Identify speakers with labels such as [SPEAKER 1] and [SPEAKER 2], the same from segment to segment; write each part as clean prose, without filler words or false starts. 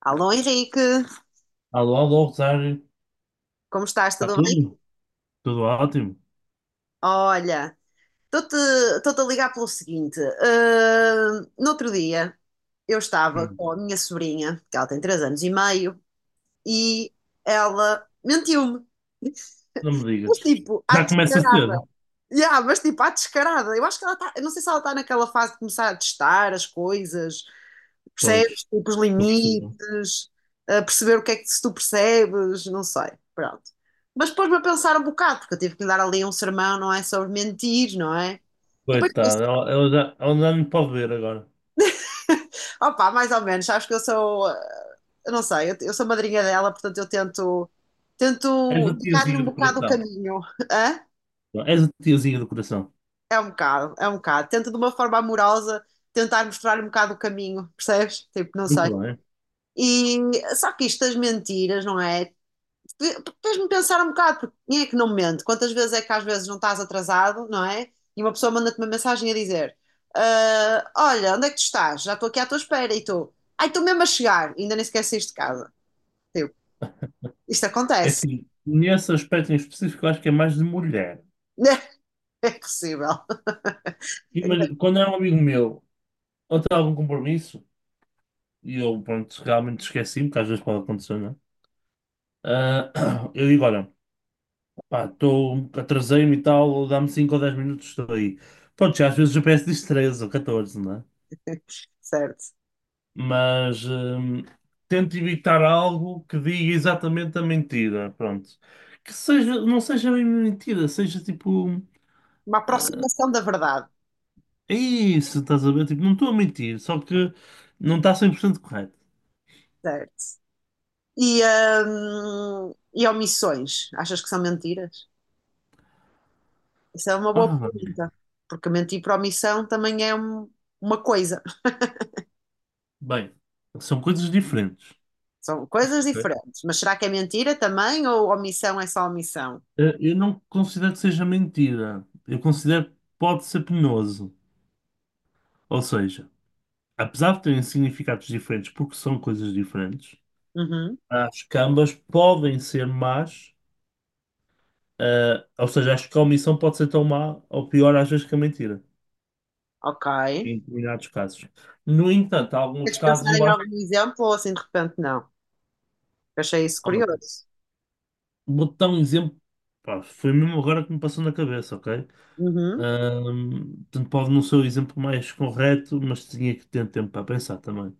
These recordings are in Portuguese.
[SPEAKER 1] Alô Henrique,
[SPEAKER 2] Alô, alô, Rosário.
[SPEAKER 1] como estás?
[SPEAKER 2] Está
[SPEAKER 1] Tudo bem?
[SPEAKER 2] tudo? Tudo ótimo?
[SPEAKER 1] Olha, estou-te estou-te a ligar pelo seguinte. No outro dia eu estava
[SPEAKER 2] Hum,
[SPEAKER 1] com a minha sobrinha, que ela tem 3 anos e meio, e ela mentiu-me.
[SPEAKER 2] não me
[SPEAKER 1] Mas
[SPEAKER 2] digas.
[SPEAKER 1] tipo, à
[SPEAKER 2] Já começa
[SPEAKER 1] descarada.
[SPEAKER 2] cedo?
[SPEAKER 1] Yeah, mas tipo, à descarada. Eu acho que ela está. Eu não sei se ela está naquela fase de começar a testar as coisas.
[SPEAKER 2] Pois,
[SPEAKER 1] Percebes? Tipo, os
[SPEAKER 2] estou percebendo.
[SPEAKER 1] limites, a perceber o que é que se tu percebes, não sei, pronto. Mas pôs-me a pensar um bocado, porque eu tive que lhe dar ali um sermão, não é? Sobre mentir, não é? E depois
[SPEAKER 2] Coitada,
[SPEAKER 1] pensei,
[SPEAKER 2] ela já me pode ver agora.
[SPEAKER 1] opá, mais ou menos, sabes que eu sou, eu não sei, eu sou madrinha dela, portanto eu tento,
[SPEAKER 2] És
[SPEAKER 1] tento
[SPEAKER 2] a
[SPEAKER 1] indicar-lhe um
[SPEAKER 2] tiazinha do
[SPEAKER 1] bocado o
[SPEAKER 2] coração.
[SPEAKER 1] caminho, hã?
[SPEAKER 2] És a tiazinha do coração.
[SPEAKER 1] É um bocado, é um bocado. Tento de uma forma amorosa tentar mostrar-lhe um bocado o caminho, percebes? Tipo, não sei.
[SPEAKER 2] Muito bem.
[SPEAKER 1] E só que isto das mentiras, não é? Fez-me pensar um bocado, porque quem é que não mente? Quantas vezes é que às vezes não estás atrasado, não é? E uma pessoa manda-te uma mensagem a dizer: "Ah, olha, onde é que tu estás? Já estou aqui à tua espera." E tu, ai, estou mesmo a chegar, e ainda nem sequer saíste de casa. Tipo, isto
[SPEAKER 2] É
[SPEAKER 1] acontece.
[SPEAKER 2] assim, nesse aspecto em específico, eu acho que é mais de mulher.
[SPEAKER 1] É possível.
[SPEAKER 2] Mas, quando é um amigo meu, ou tem algum compromisso, e eu, pronto, realmente esqueci-me, que às vezes pode acontecer, não é? Ah, eu digo, olha. Pá, atrasei-me e tal, dá-me 5 ou 10 minutos, estou aí. Pronto, já às vezes o GPS diz 13 ou 14, não é?
[SPEAKER 1] Certo.
[SPEAKER 2] Mas tento evitar algo que diga exatamente a mentira, pronto. Que seja, não seja bem mentira, seja tipo,
[SPEAKER 1] Uma
[SPEAKER 2] "Ah,
[SPEAKER 1] aproximação da verdade.
[SPEAKER 2] é isso, estás a ver? Tipo, não estou a mentir, só que não está 100% correto."
[SPEAKER 1] Certo. E, e omissões, achas que são mentiras? Isso é uma boa
[SPEAKER 2] Ora bem,
[SPEAKER 1] pergunta, porque mentir por omissão também é uma coisa.
[SPEAKER 2] bem, são coisas diferentes.
[SPEAKER 1] São coisas
[SPEAKER 2] Ok?
[SPEAKER 1] diferentes. Mas será que é mentira também ou omissão é só omissão?
[SPEAKER 2] Eu não considero que seja mentira, eu considero que pode ser penoso. Ou seja, apesar de terem significados diferentes, porque são coisas diferentes,
[SPEAKER 1] Uhum,
[SPEAKER 2] as que ambas podem ser más, ou seja, acho que a omissão pode ser tão má ou pior às vezes que a mentira,
[SPEAKER 1] ok.
[SPEAKER 2] em determinados casos. No entanto, há alguns
[SPEAKER 1] Queres
[SPEAKER 2] casos
[SPEAKER 1] pensar
[SPEAKER 2] eu
[SPEAKER 1] em
[SPEAKER 2] acho.
[SPEAKER 1] algum exemplo ou assim de repente não? Eu achei isso
[SPEAKER 2] Olha,
[SPEAKER 1] curioso.
[SPEAKER 2] vou dar um exemplo, pá, foi mesmo agora que me passou na cabeça, ok?
[SPEAKER 1] Uhum,
[SPEAKER 2] Portanto, pode não ser o exemplo mais correto, mas tinha que ter tempo para pensar também.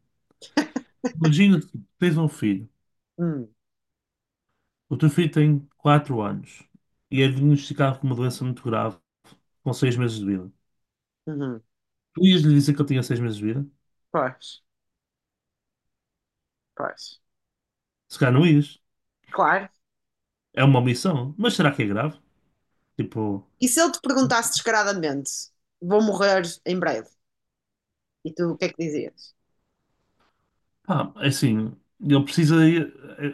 [SPEAKER 2] Imagina que tens um filho,
[SPEAKER 1] uhum,
[SPEAKER 2] o teu filho tem 4 anos e é diagnosticado com uma doença muito grave com 6 meses de vida.
[SPEAKER 1] uhum.
[SPEAKER 2] Tu ias lhe dizer que ele tinha 6 meses de vida?
[SPEAKER 1] Pois, pois.
[SPEAKER 2] Se calhar não ias.
[SPEAKER 1] Claro.
[SPEAKER 2] É uma omissão. Mas será que é grave? Tipo,
[SPEAKER 1] E se eu te perguntasse descaradamente, vou morrer em breve, e tu o que é que dizias?
[SPEAKER 2] pá, é assim, ele precisa.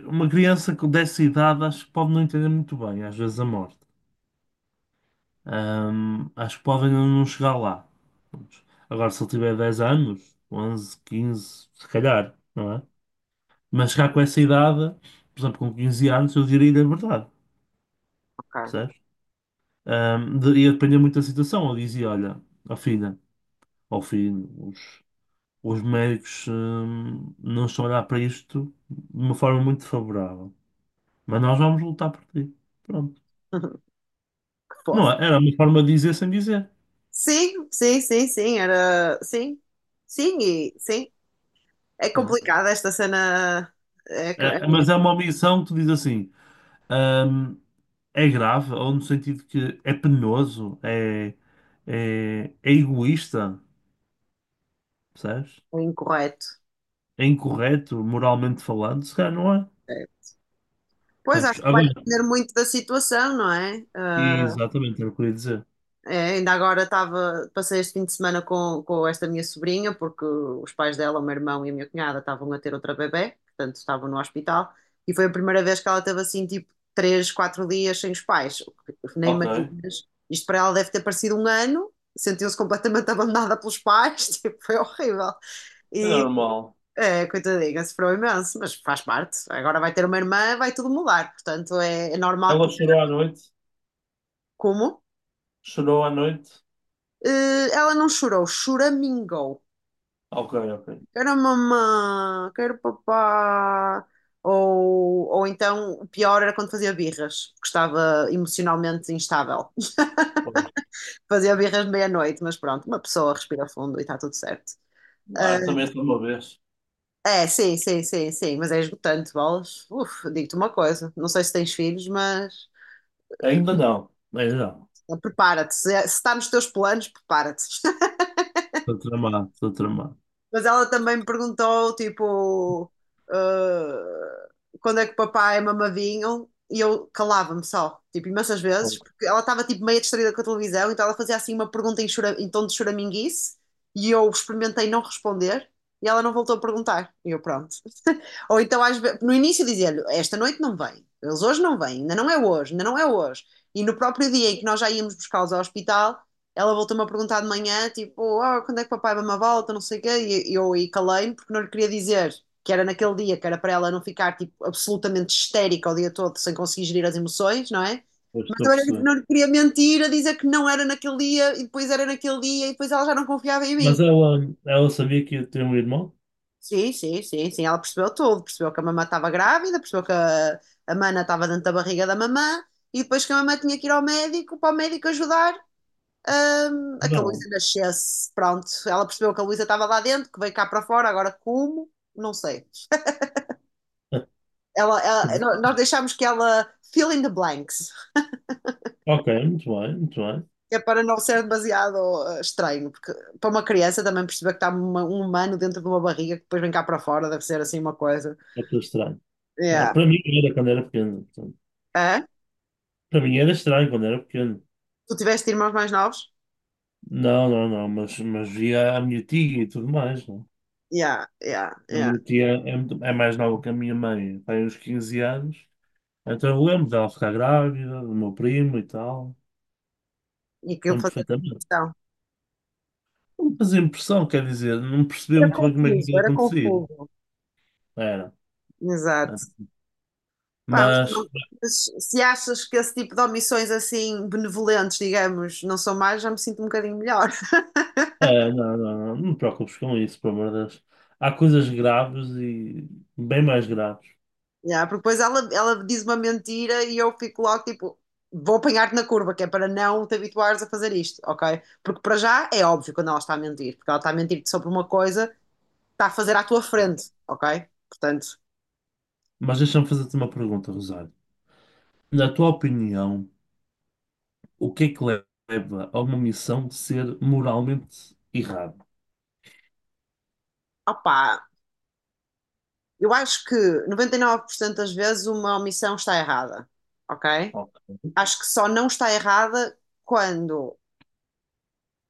[SPEAKER 2] Uma criança com dessa idade acho que pode não entender muito bem, às vezes, a morte. Acho que pode ainda não chegar lá. Prontos. Agora, se ele tiver 10 anos, 11, 15, se calhar, não é? Mas chegar com essa idade, por exemplo, com 15 anos, eu diria-lhe a verdade,
[SPEAKER 1] Ok.
[SPEAKER 2] percebes? Ia depender muito da situação. Eu dizia: olha, ó filha. Ao fim, os médicos, não estão a olhar para isto de uma forma muito favorável. Mas nós vamos lutar por ti. Pronto.
[SPEAKER 1] Que
[SPEAKER 2] Não,
[SPEAKER 1] fofo.
[SPEAKER 2] era uma forma de dizer sem dizer,
[SPEAKER 1] Sim, sim, sim, sim, era. Sim, sim, e sim. É
[SPEAKER 2] não
[SPEAKER 1] complicado esta cena. É,
[SPEAKER 2] é?
[SPEAKER 1] é
[SPEAKER 2] Mas é uma omissão que tu dizes assim, hum, é grave, ou no sentido que é penoso, é egoísta, percebes?
[SPEAKER 1] incorreto.
[SPEAKER 2] É incorreto, moralmente falando, se calhar não é.
[SPEAKER 1] É. Pois,
[SPEAKER 2] Percebes?
[SPEAKER 1] acho que vai
[SPEAKER 2] Agora,
[SPEAKER 1] depender muito da situação, não é? Ah,
[SPEAKER 2] exatamente, era o que eu ia dizer.
[SPEAKER 1] é, ainda agora estava, passei este fim de semana com esta minha sobrinha, porque os pais dela, o meu irmão e a minha cunhada, estavam a ter outra bebé, portanto estavam no hospital, e foi a primeira vez que ela teve assim, tipo, três, quatro dias sem os pais, o que nem
[SPEAKER 2] Ok, é
[SPEAKER 1] imaginas. Isto para ela deve ter parecido um ano, sentiu-se completamente abandonada pelos pais, tipo, foi horrível. E,
[SPEAKER 2] normal.
[SPEAKER 1] é, coitadinha, sofreu imenso, mas faz parte. Agora vai ter uma irmã, vai tudo mudar, portanto é normal
[SPEAKER 2] Ela
[SPEAKER 1] que...
[SPEAKER 2] chorou à noite.
[SPEAKER 1] Como?
[SPEAKER 2] Chorou à noite?
[SPEAKER 1] Ela não chorou, choramingou.
[SPEAKER 2] Ok, ok.
[SPEAKER 1] Quero mamã, quero papá. Ou então, o pior era quando fazia birras, porque estava emocionalmente instável.
[SPEAKER 2] Pois.
[SPEAKER 1] Fazia birras de meia-noite, mas pronto, uma pessoa respira fundo e está tudo certo. Ah,
[SPEAKER 2] Claro, também só uma vez.
[SPEAKER 1] é, sim, sim, sim, sim, mas é esgotante, bolas. Uf, digo-te uma coisa, não sei se tens filhos, mas
[SPEAKER 2] Ainda não, ainda não.
[SPEAKER 1] prepara-te. Se, é, se está nos teus planos, prepara-te.
[SPEAKER 2] Estou tramado, estou tramado.
[SPEAKER 1] Mas ela também me perguntou, tipo, ah, quando é que o papai mamadinho? E eu calava-me só, tipo, imensas vezes,
[SPEAKER 2] Pois,
[SPEAKER 1] porque ela estava, tipo, meio distraída com a televisão, então ela fazia, assim, uma pergunta em, em tom de choraminguice, e eu experimentei não responder, e ela não voltou a perguntar. E eu, pronto. Ou então, no início, dizia-lhe: "Esta noite não vem, eles hoje não vêm, ainda não é hoje, ainda não é hoje." E no próprio dia em que nós já íamos buscá-los ao hospital, ela voltou-me a perguntar de manhã: Tipo, "Oh, quando é que papai vai uma volta? Não sei o quê." E eu aí calei-me porque não lhe queria dizer que era naquele dia, que era para ela não ficar tipo, absolutamente histérica o dia todo sem conseguir gerir as emoções, não é?
[SPEAKER 2] pois,
[SPEAKER 1] Mas
[SPEAKER 2] estou a
[SPEAKER 1] também
[SPEAKER 2] perceber.
[SPEAKER 1] não lhe queria mentir a dizer que não era naquele dia e depois era naquele dia e depois ela já não confiava em
[SPEAKER 2] Mas
[SPEAKER 1] mim.
[SPEAKER 2] ela sabia que eu tenho um irmão?
[SPEAKER 1] Sim, sim, sim, sim. Ela percebeu tudo. Percebeu que a mamã estava grávida, percebeu que a mana estava dentro da barriga da mamã e depois que a mamã tinha que ir ao médico para o médico ajudar a que a
[SPEAKER 2] Não.
[SPEAKER 1] Luísa nascesse. Pronto, ela percebeu que a Luísa estava lá dentro, que veio cá para fora, agora como? Não sei.
[SPEAKER 2] Pronto.
[SPEAKER 1] Nós deixámos que ela fill in the blanks,
[SPEAKER 2] Ok, muito bem, muito bem.
[SPEAKER 1] que é para não ser demasiado estranho, porque para uma criança também perceber que está um humano dentro de uma barriga que depois vem cá para fora, deve ser assim uma coisa.
[SPEAKER 2] Pode ser estranho. Claro,
[SPEAKER 1] Yeah.
[SPEAKER 2] para mim era quando era pequeno. Portanto.
[SPEAKER 1] é
[SPEAKER 2] Para mim era estranho quando era pequeno.
[SPEAKER 1] Tu tiveste irmãos mais novos?
[SPEAKER 2] Não, não, não, mas via a minha tia e tudo mais. Não?
[SPEAKER 1] Yeah, yeah,
[SPEAKER 2] É? A
[SPEAKER 1] yeah.
[SPEAKER 2] minha tia é, muito- é mais nova que a minha mãe, tem uns 15 anos. Então eu lembro dela ficar grávida, do meu primo e tal.
[SPEAKER 1] E que eu
[SPEAKER 2] Lembro
[SPEAKER 1] fazia
[SPEAKER 2] perfeitamente.
[SPEAKER 1] questão.
[SPEAKER 2] Não me fazia impressão, quer dizer, não percebia
[SPEAKER 1] Era
[SPEAKER 2] muito bem como é que
[SPEAKER 1] confuso,
[SPEAKER 2] aquilo
[SPEAKER 1] era
[SPEAKER 2] acontecia.
[SPEAKER 1] confuso.
[SPEAKER 2] Era. Era.
[SPEAKER 1] Exato. Pá, mas,
[SPEAKER 2] Mas,
[SPEAKER 1] mas se achas que esse tipo de omissões assim benevolentes, digamos, não são mais, já me sinto um bocadinho melhor.
[SPEAKER 2] é, não, não, não, não te preocupes com isso, pelo amor de Deus. Há coisas graves e bem mais graves.
[SPEAKER 1] Yeah, porque depois ela diz uma mentira e eu fico logo tipo, vou apanhar-te na curva, que é para não te habituares a fazer isto, ok? Porque para já é óbvio quando ela está a mentir, porque ela está a mentir-te sobre uma coisa, está a fazer à tua frente, ok? Portanto,
[SPEAKER 2] Mas deixa-me fazer-te uma pergunta, Rosário. Na tua opinião, o que é que leva a uma missão de ser moralmente errada?
[SPEAKER 1] opá, eu acho que 99% das vezes uma omissão está errada, ok?
[SPEAKER 2] Ok,
[SPEAKER 1] Acho que só não está errada quando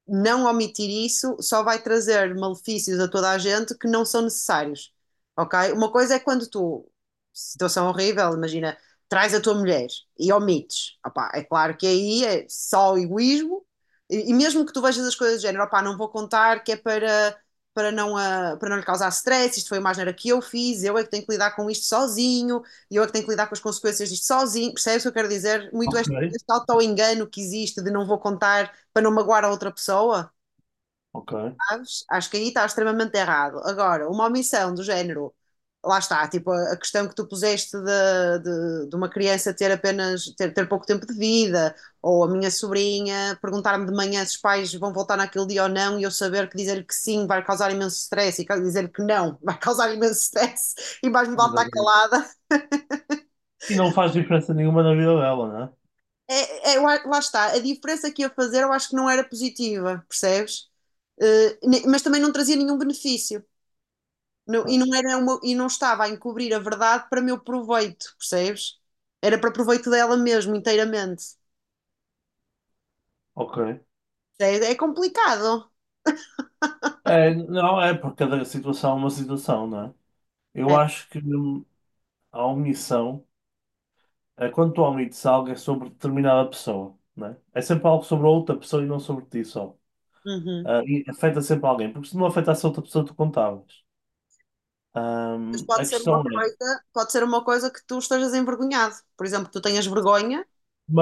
[SPEAKER 1] não omitir isso só vai trazer malefícios a toda a gente que não são necessários, ok? Uma coisa é quando tu, situação horrível, imagina, traz a tua mulher e omites, opá, é claro que aí é só egoísmo, e mesmo que tu vejas as coisas do género, opá, não vou contar que é para, não, para não lhe causar stress, isto foi uma asneira que eu fiz, eu é que tenho que lidar com isto sozinho, e eu é que tenho que lidar com as consequências disto sozinho, percebes o que eu quero dizer? Muito
[SPEAKER 2] ok.
[SPEAKER 1] este auto-engano que existe de não vou contar para não magoar a outra pessoa,
[SPEAKER 2] Ok.
[SPEAKER 1] sabes? Acho que aí está extremamente errado. Agora, uma omissão do género, lá está, tipo a questão que tu puseste de uma criança ter apenas ter pouco tempo de vida, ou a minha sobrinha perguntar-me de manhã se os pais vão voltar naquele dia ou não, e eu saber que dizer que sim vai causar imenso stress, e dizer que não vai causar imenso stress, e mais me vale estar calada.
[SPEAKER 2] E não faz diferença nenhuma na vida dela, né é?
[SPEAKER 1] É, é. Lá está, a diferença que ia fazer eu acho que não era positiva, percebes? Mas também não trazia nenhum benefício. E, não era e não estava a encobrir a verdade para meu proveito, percebes? Era para proveito dela mesmo, inteiramente.
[SPEAKER 2] Ok.
[SPEAKER 1] É complicado.
[SPEAKER 2] É, não, é porque cada situação é uma situação, não é? Eu
[SPEAKER 1] É.
[SPEAKER 2] acho que a omissão, é, quando tu omites algo, é sobre determinada pessoa, não é? É sempre algo sobre a outra pessoa e não sobre ti só.
[SPEAKER 1] Uhum.
[SPEAKER 2] Ah, e afeta sempre alguém, porque se não afetasse a outra pessoa, tu contavas.
[SPEAKER 1] Mas
[SPEAKER 2] A
[SPEAKER 1] pode ser uma
[SPEAKER 2] questão é,
[SPEAKER 1] coisa, pode ser uma coisa que tu estejas envergonhado. Por exemplo, que tu tenhas vergonha.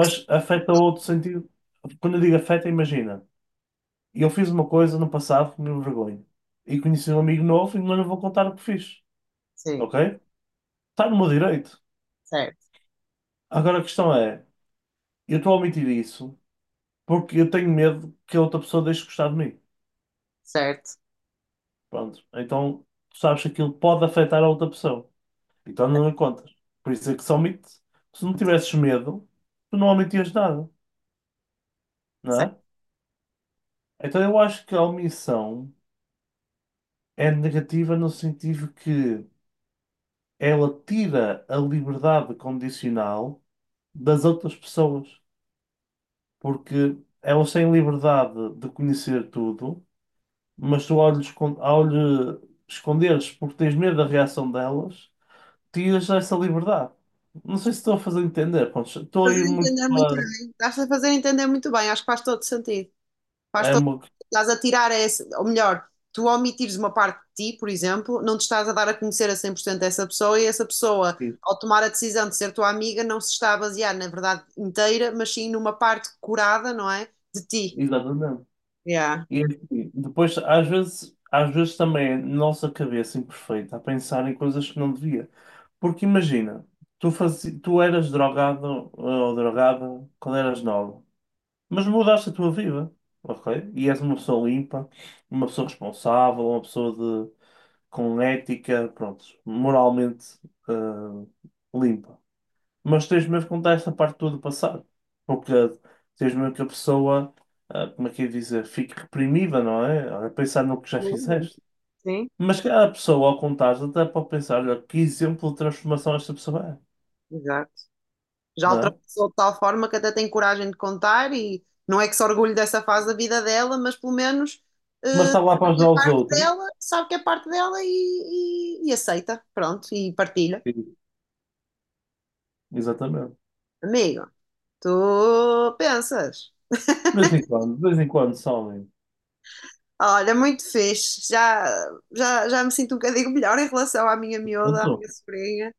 [SPEAKER 1] Que se-
[SPEAKER 2] afeta outro sentido. Quando eu digo afeta, imagina, eu fiz uma coisa no passado que me envergonho e conheci um amigo novo e não lhe vou contar o que fiz,
[SPEAKER 1] Sim,
[SPEAKER 2] ok? Está no meu direito.
[SPEAKER 1] certo,
[SPEAKER 2] Agora a questão é. Eu estou a omitir isso porque eu tenho medo que a outra pessoa deixe de gostar de mim.
[SPEAKER 1] certo,
[SPEAKER 2] Pronto. Então, tu sabes que aquilo pode afetar a outra pessoa. Então não lhe contas. Por isso é que se omite. Se não tivesses medo, tu não omitias nada, não é?
[SPEAKER 1] certo.
[SPEAKER 2] Então eu acho que a omissão é negativa no sentido que ela tira a liberdade condicional das outras pessoas. Porque elas têm liberdade de conhecer tudo mas tu ao lhe, ao lhe esconderes porque tens medo da reação delas, tiras essa liberdade. Não sei se estou a fazer entender. Pronto, estou a ir
[SPEAKER 1] Fazer
[SPEAKER 2] muito
[SPEAKER 1] entender muito
[SPEAKER 2] para.
[SPEAKER 1] bem. Estás a fazer entender muito bem, acho que faz todo sentido. Faz
[SPEAKER 2] É
[SPEAKER 1] todo...
[SPEAKER 2] uma
[SPEAKER 1] Estás a tirar esse, ou melhor, tu omitires uma parte de ti, por exemplo, não te estás a dar a conhecer a 100% essa pessoa e essa pessoa,
[SPEAKER 2] questão.
[SPEAKER 1] ao tomar a decisão de ser tua amiga, não se está a basear na verdade inteira, mas sim numa parte curada, não é? De ti.
[SPEAKER 2] Exatamente.
[SPEAKER 1] Yeah.
[SPEAKER 2] E é assim, depois, às vezes também é nossa cabeça imperfeita a pensar em coisas que não devia. Porque imagina, tu, tu eras drogado ou drogada quando eras nova. Mas mudaste a tua vida, ok? E és uma pessoa limpa, uma pessoa responsável, uma pessoa de, com ética, pronto, moralmente eh, limpa. Mas tens mesmo que contar essa parte toda do passado, porque tens mesmo que a pessoa, como é que eu ia dizer, fique reprimida, não é? A pensar no que já fizeste.
[SPEAKER 1] Sim,
[SPEAKER 2] Mas cada pessoa, ao contar até pode pensar, olha, que exemplo de transformação esta pessoa é,
[SPEAKER 1] exato. Já
[SPEAKER 2] não é?
[SPEAKER 1] ultrapassou de tal forma que até tem coragem de contar e não é que se orgulhe dessa fase da vida dela, mas pelo menos
[SPEAKER 2] Mas
[SPEAKER 1] eh,
[SPEAKER 2] está lá para ajudar os outros.
[SPEAKER 1] dela, sabe que é parte dela e aceita, pronto, e partilha.
[SPEAKER 2] Sim. Exatamente.
[SPEAKER 1] Amigo, tu pensas?
[SPEAKER 2] De vez em quando, de vez em quando, somem.
[SPEAKER 1] Olha, muito fixe. Já me sinto um bocadinho melhor em relação à minha miúda, à
[SPEAKER 2] Pronto,
[SPEAKER 1] minha sobrinha.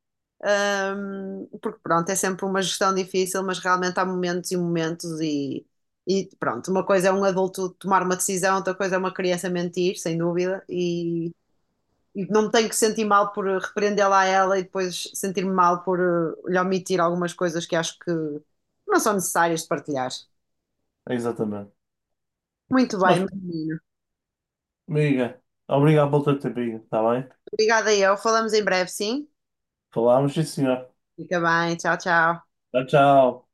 [SPEAKER 1] Porque pronto, é sempre uma gestão difícil, mas realmente há momentos e momentos e pronto, uma coisa é um adulto tomar uma decisão, outra coisa é uma criança mentir, sem dúvida, e não me tenho que sentir mal por repreendê-la a ela e depois sentir-me mal por lhe omitir algumas coisas que acho que não são necessárias de partilhar.
[SPEAKER 2] exatamente.
[SPEAKER 1] Muito
[SPEAKER 2] Mas,
[SPEAKER 1] bem, menina.
[SPEAKER 2] amiga, obrigado pelo teu tempinho, está bem?
[SPEAKER 1] Obrigada, eu. Falamos em breve, sim?
[SPEAKER 2] Falámos, sim, senhor.
[SPEAKER 1] Fica bem. Tchau, tchau.
[SPEAKER 2] Tchau, tchau.